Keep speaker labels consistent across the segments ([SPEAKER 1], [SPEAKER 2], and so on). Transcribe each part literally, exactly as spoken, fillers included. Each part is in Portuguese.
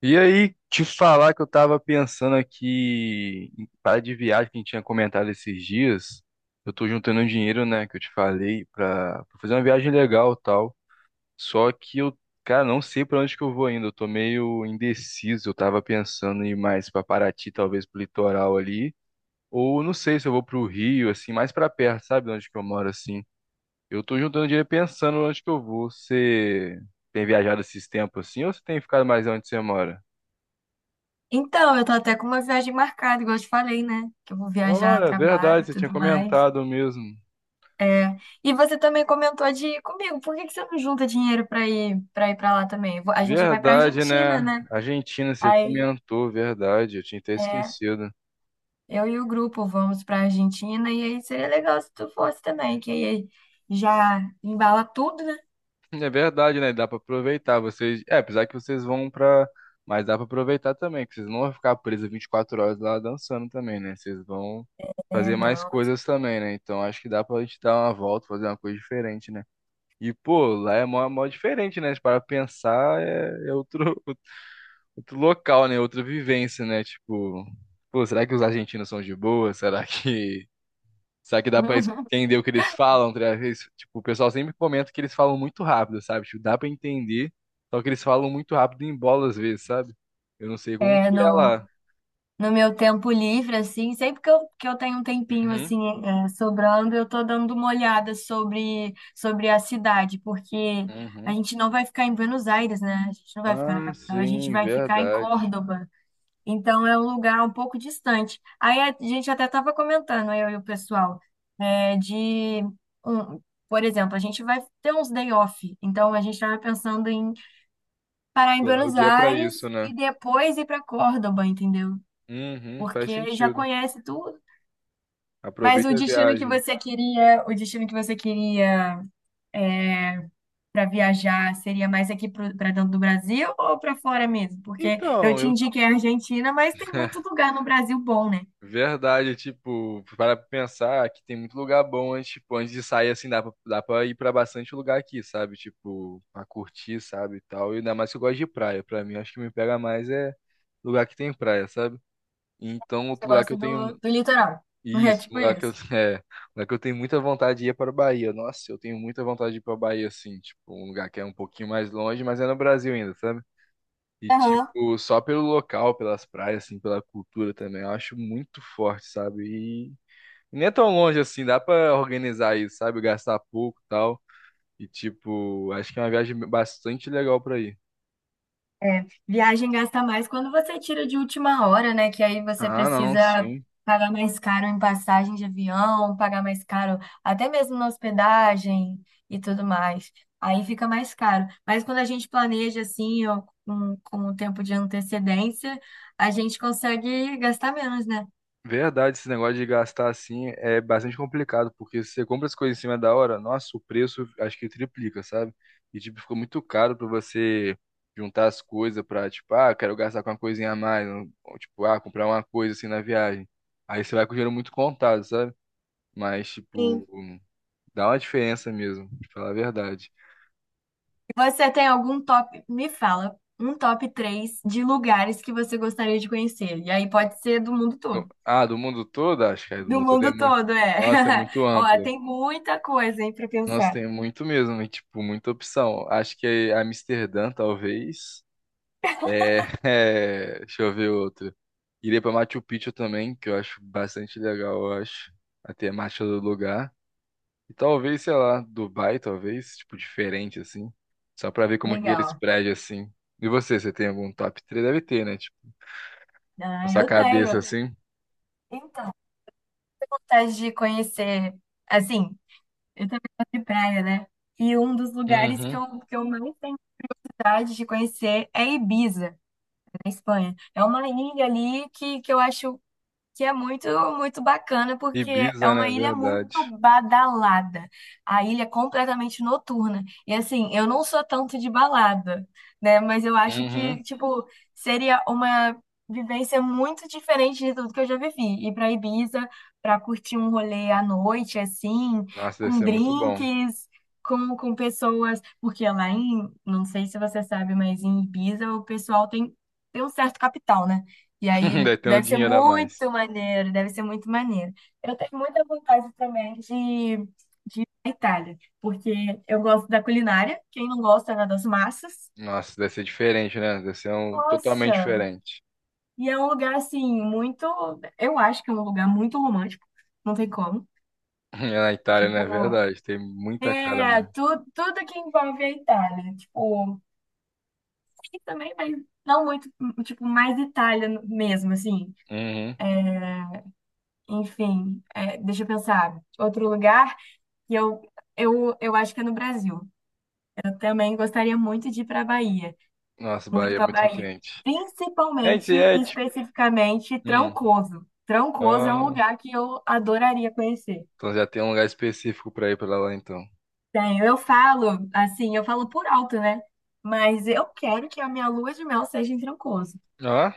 [SPEAKER 1] E aí, te falar que eu tava pensando aqui em parar de viagem que a gente tinha comentado esses dias. Eu tô juntando um dinheiro, né, que eu te falei, pra, pra fazer uma viagem legal e tal. Só que eu, cara, não sei pra onde que eu vou ainda. Eu tô meio indeciso. Eu tava pensando em ir mais pra Paraty, talvez pro litoral ali. Ou não sei se eu vou pro Rio, assim, mais pra perto, sabe, de onde que eu moro, assim. Eu tô juntando dinheiro pensando onde que eu vou. Você tem viajado esses tempos assim ou você tem ficado mais onde você mora?
[SPEAKER 2] Então, eu tô até com uma viagem marcada, igual eu te falei, né? Que eu vou viajar a
[SPEAKER 1] Olha,
[SPEAKER 2] trabalho
[SPEAKER 1] verdade,
[SPEAKER 2] e
[SPEAKER 1] você tinha
[SPEAKER 2] tudo mais.
[SPEAKER 1] comentado mesmo.
[SPEAKER 2] E você também comentou de ir comigo. Por que que você não junta dinheiro pra ir para ir para lá também? Eu vou- A gente vai pra
[SPEAKER 1] Verdade,
[SPEAKER 2] Argentina,
[SPEAKER 1] né?
[SPEAKER 2] né?
[SPEAKER 1] Argentina, você
[SPEAKER 2] Aí,
[SPEAKER 1] comentou, verdade. Eu tinha até
[SPEAKER 2] é,
[SPEAKER 1] esquecido.
[SPEAKER 2] eu e o grupo vamos pra Argentina e aí seria legal se tu fosse também, que aí já embala tudo, né?
[SPEAKER 1] É verdade, né? Dá pra aproveitar. Vocês, é, apesar que vocês vão pra. Mas dá pra aproveitar também, que vocês não vão ficar presos vinte e quatro horas lá dançando também, né? Vocês vão
[SPEAKER 2] É,
[SPEAKER 1] fazer mais
[SPEAKER 2] não.
[SPEAKER 1] coisas também, né? Então acho que dá pra gente dar uma volta, fazer uma coisa diferente, né? E, pô, lá é mó, mó diferente, né? Se parar pra pensar, é, é outro, outro local, né? Outra vivência, né? Tipo, pô, será que os argentinos são de boa? Será que. Será que dá pra entender o que eles falam? Tá ligado? Eles- Tipo, o pessoal sempre comenta que eles falam muito rápido, sabe? Tipo, dá pra entender, só que eles falam muito rápido em bola às vezes, sabe? Eu não sei como
[SPEAKER 2] É,
[SPEAKER 1] que é
[SPEAKER 2] no
[SPEAKER 1] lá.
[SPEAKER 2] no meu tempo livre, assim, sempre que eu, que eu tenho um tempinho,
[SPEAKER 1] Uhum,
[SPEAKER 2] assim, é, sobrando, eu tô dando uma olhada sobre, sobre a cidade, porque a
[SPEAKER 1] uhum.
[SPEAKER 2] gente não vai ficar em Buenos Aires, né? A gente não vai ficar na
[SPEAKER 1] Ah,
[SPEAKER 2] capital, a gente
[SPEAKER 1] sim,
[SPEAKER 2] vai ficar em
[SPEAKER 1] verdade.
[SPEAKER 2] Córdoba. Então, é um lugar um pouco distante. Aí, a gente até tava comentando, eu e o pessoal, é, de... Um, por exemplo, a gente vai ter uns day off, então a gente estava pensando em parar em
[SPEAKER 1] Será o
[SPEAKER 2] Buenos
[SPEAKER 1] dia pra
[SPEAKER 2] Aires
[SPEAKER 1] isso, né?
[SPEAKER 2] e depois ir para Córdoba, entendeu?
[SPEAKER 1] Uhum,
[SPEAKER 2] Porque
[SPEAKER 1] faz
[SPEAKER 2] aí já
[SPEAKER 1] sentido.
[SPEAKER 2] conhece tudo. Mas o
[SPEAKER 1] Aproveita a
[SPEAKER 2] destino que
[SPEAKER 1] viagem.
[SPEAKER 2] você queria, o destino que você queria para viajar seria mais aqui para dentro do Brasil ou para fora mesmo? Porque eu
[SPEAKER 1] Então,
[SPEAKER 2] te
[SPEAKER 1] eu
[SPEAKER 2] indiquei a Argentina, mas tem muito lugar no Brasil bom, né?
[SPEAKER 1] verdade, tipo, para pensar que tem muito lugar bom antes, tipo, antes de sair assim, dá pra, dá pra ir pra bastante lugar aqui, sabe? Tipo, pra curtir, sabe, e tal. E ainda mais que eu gosto de praia. Pra mim, acho que me pega mais é lugar que tem praia, sabe? Então,
[SPEAKER 2] Você
[SPEAKER 1] outro lugar que
[SPEAKER 2] gosta
[SPEAKER 1] eu
[SPEAKER 2] do,
[SPEAKER 1] tenho.
[SPEAKER 2] do litoral. É
[SPEAKER 1] Isso, um
[SPEAKER 2] tipo
[SPEAKER 1] lugar que eu,
[SPEAKER 2] isso.
[SPEAKER 1] é, um lugar que eu tenho muita vontade de ir é para Bahia. Nossa, eu tenho muita vontade de ir para Bahia, assim, tipo, um lugar que é um pouquinho mais longe, mas é no Brasil ainda, sabe? E,
[SPEAKER 2] Aham.
[SPEAKER 1] tipo, só pelo local, pelas praias, assim, pela cultura também, eu acho muito forte, sabe? Nem é tão longe assim, dá pra organizar isso, sabe? Gastar pouco e tal. E, tipo, acho que é uma viagem bastante legal pra ir.
[SPEAKER 2] É, viagem gasta mais quando você tira de última hora, né? Que aí você
[SPEAKER 1] Ah, não,
[SPEAKER 2] precisa
[SPEAKER 1] sim.
[SPEAKER 2] pagar mais caro em passagem de avião, pagar mais caro até mesmo na hospedagem e tudo mais. Aí fica mais caro. Mas quando a gente planeja assim, ou com, com um tempo de antecedência, a gente consegue gastar menos, né?
[SPEAKER 1] Verdade, esse negócio de gastar assim é bastante complicado, porque se você compra as coisas em cima da hora, nossa, o preço acho que triplica, sabe? E, tipo, ficou muito caro pra você juntar as coisas pra, tipo, ah, quero gastar com uma coisinha a mais, ou, tipo, ah, comprar uma coisa assim na viagem. Aí você vai com o dinheiro muito contado, sabe? Mas,
[SPEAKER 2] Sim.
[SPEAKER 1] tipo, dá uma diferença mesmo, pra falar a verdade.
[SPEAKER 2] Você tem algum top? Me fala, um top três de lugares que você gostaria de conhecer. E aí pode ser do mundo
[SPEAKER 1] No-
[SPEAKER 2] todo.
[SPEAKER 1] Ah, do mundo todo? Acho que é do
[SPEAKER 2] Do
[SPEAKER 1] mundo todo é
[SPEAKER 2] mundo
[SPEAKER 1] muito.
[SPEAKER 2] todo, é.
[SPEAKER 1] Nossa, é muito
[SPEAKER 2] Ó,
[SPEAKER 1] amplo.
[SPEAKER 2] tem muita coisa, hein, para
[SPEAKER 1] Nossa,
[SPEAKER 2] pensar.
[SPEAKER 1] tem muito mesmo, e, tipo, muita opção. Acho que é Amsterdã, talvez. É, é, deixa eu ver outro. Iria pra Machu Picchu também, que eu acho bastante legal, eu acho. A temática do lugar. E talvez, sei lá, Dubai, talvez, tipo, diferente, assim. Só pra ver como que eles
[SPEAKER 2] Legal.
[SPEAKER 1] prédios, assim. E você, você tem algum top três? Deve ter, né? Tipo, na
[SPEAKER 2] Ah,
[SPEAKER 1] sua
[SPEAKER 2] eu
[SPEAKER 1] cabeça,
[SPEAKER 2] tenho.
[SPEAKER 1] assim.
[SPEAKER 2] Então, vontade de conhecer. Assim, eu também gosto de praia, né? E um dos lugares que
[SPEAKER 1] Uhum.
[SPEAKER 2] eu, que eu mais tenho vontade de conhecer é Ibiza, na Espanha. É uma ilha ali que, que eu acho que é muito, muito bacana, porque é
[SPEAKER 1] Ibiza,
[SPEAKER 2] uma
[SPEAKER 1] né?
[SPEAKER 2] ilha muito
[SPEAKER 1] Verdade.
[SPEAKER 2] badalada. A ilha é completamente noturna. E assim, eu não sou tanto de balada, né? Mas eu acho
[SPEAKER 1] Uhum.
[SPEAKER 2] que, tipo, seria uma vivência muito diferente de tudo que eu já vivi. Ir pra Ibiza pra curtir um rolê à noite, assim,
[SPEAKER 1] Nossa, deve
[SPEAKER 2] com
[SPEAKER 1] ser muito bom.
[SPEAKER 2] drinks. Com, com pessoas, porque lá em, não sei se você sabe, mas em Ibiza o pessoal tem, tem um certo capital, né? E aí
[SPEAKER 1] Deve ter um
[SPEAKER 2] deve ser
[SPEAKER 1] dinheiro a mais.
[SPEAKER 2] muito maneiro, deve ser muito maneiro. Eu tenho muita vontade também de ir à Itália, porque eu gosto da culinária, quem não gosta, né, das massas.
[SPEAKER 1] Nossa, deve ser diferente, né? Deve ser um totalmente
[SPEAKER 2] Nossa!
[SPEAKER 1] diferente.
[SPEAKER 2] E é um lugar assim muito, eu acho que é um lugar muito romântico, não tem como.
[SPEAKER 1] É na Itália, né é
[SPEAKER 2] Tipo,
[SPEAKER 1] verdade? Tem muita cara
[SPEAKER 2] é,
[SPEAKER 1] mesmo.
[SPEAKER 2] tu, tudo que envolve a Itália, tipo, e também, mas não muito, tipo, mais Itália mesmo, assim.
[SPEAKER 1] Uhum.
[SPEAKER 2] Enfim, é, deixa eu pensar. Outro lugar. E eu, eu, eu acho que é no Brasil. Eu também gostaria muito de ir para a Bahia,
[SPEAKER 1] Nossa,
[SPEAKER 2] muito
[SPEAKER 1] Bahia é
[SPEAKER 2] para a
[SPEAKER 1] muito
[SPEAKER 2] Bahia.
[SPEAKER 1] quente. É, isso
[SPEAKER 2] Principalmente,
[SPEAKER 1] aí, é,
[SPEAKER 2] e
[SPEAKER 1] tipo...
[SPEAKER 2] especificamente,
[SPEAKER 1] Hum.
[SPEAKER 2] Trancoso. Trancoso é um
[SPEAKER 1] Ó,
[SPEAKER 2] lugar que eu adoraria conhecer.
[SPEAKER 1] então já tem um lugar específico pra ir pra lá, então.
[SPEAKER 2] Bem, eu falo, assim, eu falo por alto, né? Mas eu quero que a minha lua de mel seja em Trancoso.
[SPEAKER 1] Ó,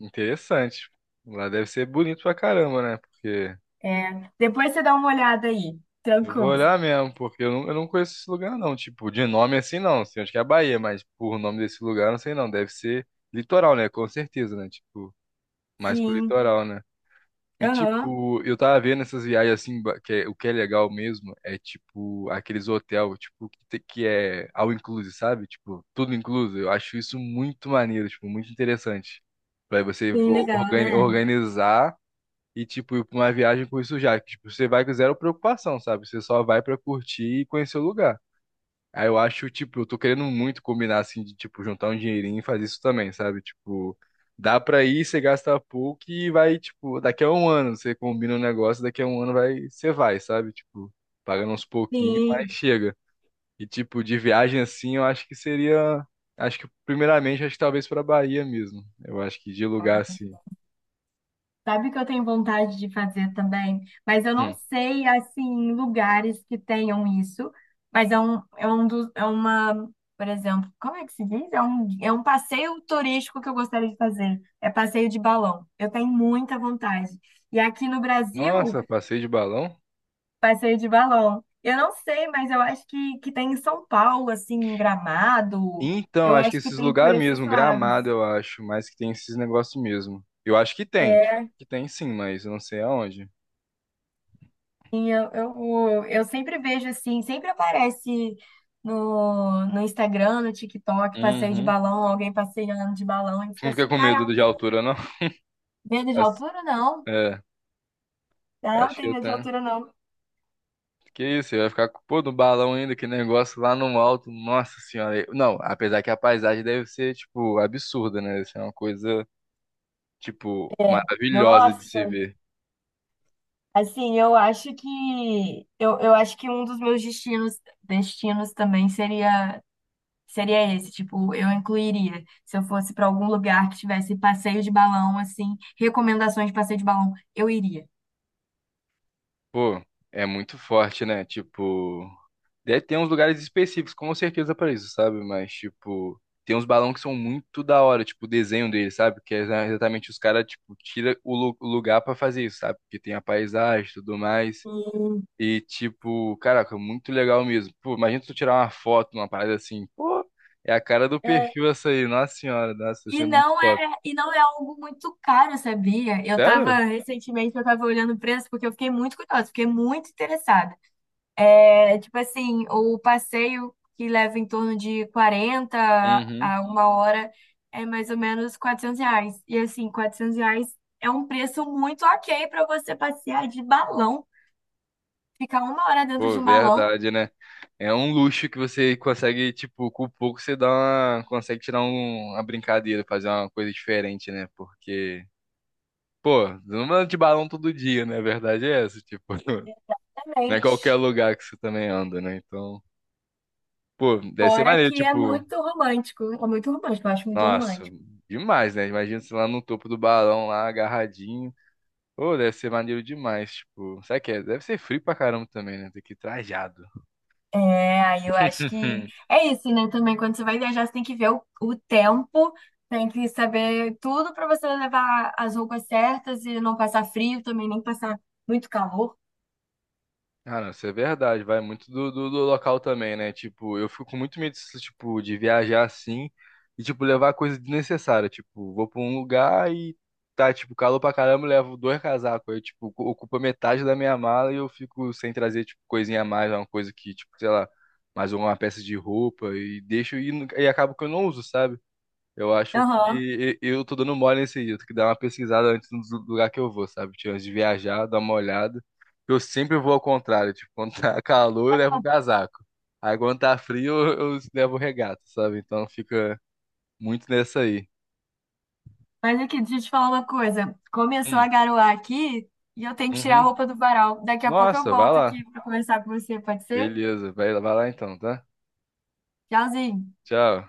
[SPEAKER 1] interessante. Lá deve ser bonito pra caramba, né? Porque
[SPEAKER 2] É, depois você dá uma olhada aí.
[SPEAKER 1] eu vou
[SPEAKER 2] Trancoso.
[SPEAKER 1] olhar mesmo, porque eu não, eu não conheço esse lugar, não. Tipo, de nome assim, não. Sei onde que é a Bahia, mas por nome desse lugar, não sei não. Deve ser litoral, né? Com certeza, né? Tipo, mais pro
[SPEAKER 2] Sim.
[SPEAKER 1] litoral, né? E,
[SPEAKER 2] Aham.
[SPEAKER 1] tipo, eu tava vendo essas viagens assim, ba- que é- o que é legal mesmo é, tipo, aqueles hotel, tipo, que, te- que é all inclusive, sabe? Tipo, tudo incluso. Eu acho isso muito maneiro, tipo, muito interessante. Pra você
[SPEAKER 2] Sim,
[SPEAKER 1] o-
[SPEAKER 2] legal,
[SPEAKER 1] organi-
[SPEAKER 2] né?
[SPEAKER 1] organizar e, tipo, ir pra uma viagem com isso já. Que, tipo, você vai com zero preocupação, sabe? Você só vai pra curtir e conhecer o lugar. Aí eu acho, tipo, eu tô querendo muito combinar, assim, de, tipo, juntar um dinheirinho e fazer isso também, sabe? Tipo, dá pra ir, você gasta pouco e vai, tipo, daqui a um ano você combina um negócio, daqui a um ano vai, você vai, sabe? Tipo, pagando uns pouquinhos, mas
[SPEAKER 2] Sim.
[SPEAKER 1] chega. E, tipo, de viagem assim, eu acho que seria. Acho que, primeiramente, acho que talvez pra Bahia mesmo. Eu acho que de lugar assim.
[SPEAKER 2] Sabe o que eu tenho vontade de fazer também? Mas eu não
[SPEAKER 1] Hum.
[SPEAKER 2] sei, assim, lugares que tenham isso. Mas é um, é um dos, é uma, por exemplo, como é que se diz? É um, é um passeio turístico que eu gostaria de fazer. É passeio de balão. Eu tenho muita vontade. E aqui no Brasil,
[SPEAKER 1] Nossa, passeio de balão?
[SPEAKER 2] passeio de balão. Eu não sei, mas eu acho que, que tem em São Paulo, assim, em Gramado.
[SPEAKER 1] Então,
[SPEAKER 2] Eu
[SPEAKER 1] acho que
[SPEAKER 2] acho que
[SPEAKER 1] esses
[SPEAKER 2] tem por
[SPEAKER 1] lugares
[SPEAKER 2] esses
[SPEAKER 1] mesmo,
[SPEAKER 2] lados.
[SPEAKER 1] Gramado, eu acho, mas que tem esses negócios mesmo. Eu acho que tem,
[SPEAKER 2] É,
[SPEAKER 1] tipo, que tem sim, mas eu não sei aonde.
[SPEAKER 2] Sim, eu, eu, eu sempre vejo assim, sempre aparece no, no Instagram, no TikTok, passeio de
[SPEAKER 1] Uhum.
[SPEAKER 2] balão, alguém passeando de balão, e
[SPEAKER 1] Você
[SPEAKER 2] fica
[SPEAKER 1] não fica
[SPEAKER 2] assim,
[SPEAKER 1] com medo de
[SPEAKER 2] caraca,
[SPEAKER 1] altura, não?
[SPEAKER 2] medo de
[SPEAKER 1] As-
[SPEAKER 2] altura? Não.
[SPEAKER 1] É,
[SPEAKER 2] Ah, não,
[SPEAKER 1] acho que
[SPEAKER 2] tem
[SPEAKER 1] eu
[SPEAKER 2] medo de
[SPEAKER 1] tenho.
[SPEAKER 2] altura, não.
[SPEAKER 1] Que isso, você vai ficar com pô, no balão ainda, que negócio lá no alto, nossa senhora. Eu- Não, apesar que a paisagem deve ser, tipo, absurda, né? Deve ser uma coisa, tipo, maravilhosa de se
[SPEAKER 2] Nossa,
[SPEAKER 1] ver.
[SPEAKER 2] assim, eu acho que eu, eu acho que um dos meus destinos, destinos também seria seria esse, tipo, eu incluiria, se eu fosse para algum lugar que tivesse passeio de balão, assim, recomendações de passeio de balão, eu iria.
[SPEAKER 1] Pô, é muito forte, né? Tipo. Deve ter uns lugares específicos, com certeza, pra isso, sabe? Mas, tipo, tem uns balões que são muito da hora, tipo, o desenho deles, sabe? Que é exatamente os caras, tipo, tira o lu- o lugar pra fazer isso, sabe? Porque tem a paisagem e tudo mais.
[SPEAKER 2] E,
[SPEAKER 1] E, tipo, caraca, muito legal mesmo. Pô, imagina tu tirar uma foto, uma parada assim. Pô, é a cara do
[SPEAKER 2] é,
[SPEAKER 1] perfil essa aí, nossa senhora, nossa, isso
[SPEAKER 2] E
[SPEAKER 1] é muito
[SPEAKER 2] não
[SPEAKER 1] top.
[SPEAKER 2] é, e não é algo muito caro, sabia? Eu tava,
[SPEAKER 1] Sério?
[SPEAKER 2] recentemente, eu tava olhando o preço porque eu fiquei muito curiosa, fiquei muito interessada. É, tipo assim, o passeio que leva em torno de quarenta
[SPEAKER 1] Uhum.
[SPEAKER 2] a uma hora é mais ou menos quatrocentos reais. E assim, quatrocentos reais é um preço muito ok para você passear de balão, ficar uma hora dentro de
[SPEAKER 1] Pô,
[SPEAKER 2] um balão,
[SPEAKER 1] verdade, né? É um luxo que você consegue, tipo, com pouco você dá uma, consegue tirar um- uma brincadeira, fazer uma coisa diferente, né? Porque, pô, você não anda de balão todo dia, né? A verdade é essa, tipo, não é qualquer
[SPEAKER 2] realmente.
[SPEAKER 1] lugar que você também anda, né? Então, pô, deve ser
[SPEAKER 2] Fora
[SPEAKER 1] maneiro,
[SPEAKER 2] que é
[SPEAKER 1] tipo,
[SPEAKER 2] muito romântico, é muito romântico, eu acho muito
[SPEAKER 1] nossa,
[SPEAKER 2] romântico.
[SPEAKER 1] demais, né? Imagina você lá no topo do balão, lá agarradinho. Pô, deve ser maneiro demais, tipo, sabe que é? Deve ser frio pra caramba também, né? Tem que ir trajado.
[SPEAKER 2] É, aí eu acho que é isso, né? Também quando você vai viajar, você tem que ver o, o tempo, tem que saber tudo para você levar as roupas certas e não passar frio também, nem passar muito calor.
[SPEAKER 1] Ah, não, isso é verdade, vai muito do, do, do local também, né? Tipo, eu fico com muito medo, tipo, de viajar assim e, tipo, levar coisa desnecessária. Tipo, vou pra um lugar e tá, tipo, calor pra caramba, eu levo dois casacos. Aí, tipo, ocu- ocupa metade da minha mala e eu fico sem trazer, tipo, coisinha a mais, uma coisa que, tipo, sei lá, mais uma peça de roupa e deixo e, nu- e acabo que eu não uso, sabe? Eu acho
[SPEAKER 2] Aham.
[SPEAKER 1] que e- eu tô dando mole nesse dia. Eu tenho que dar uma pesquisada antes do lugar que eu vou, sabe? Tipo, antes de viajar, dar uma olhada. Eu sempre vou ao contrário. Tipo, quando tá calor, eu levo um casaco. Aí quando tá frio, eu, eu levo regata, sabe? Então fica muito nessa aí.
[SPEAKER 2] Mas aqui, deixa eu te falar uma coisa. Começou a
[SPEAKER 1] Hum,
[SPEAKER 2] garoar aqui e eu tenho que tirar a
[SPEAKER 1] uhum.
[SPEAKER 2] roupa do varal. Daqui a pouco eu
[SPEAKER 1] Nossa, vai
[SPEAKER 2] volto
[SPEAKER 1] lá.
[SPEAKER 2] aqui para conversar com você, pode ser?
[SPEAKER 1] Beleza, vai, vai lá então, tá?
[SPEAKER 2] Tchauzinho.
[SPEAKER 1] Tchau.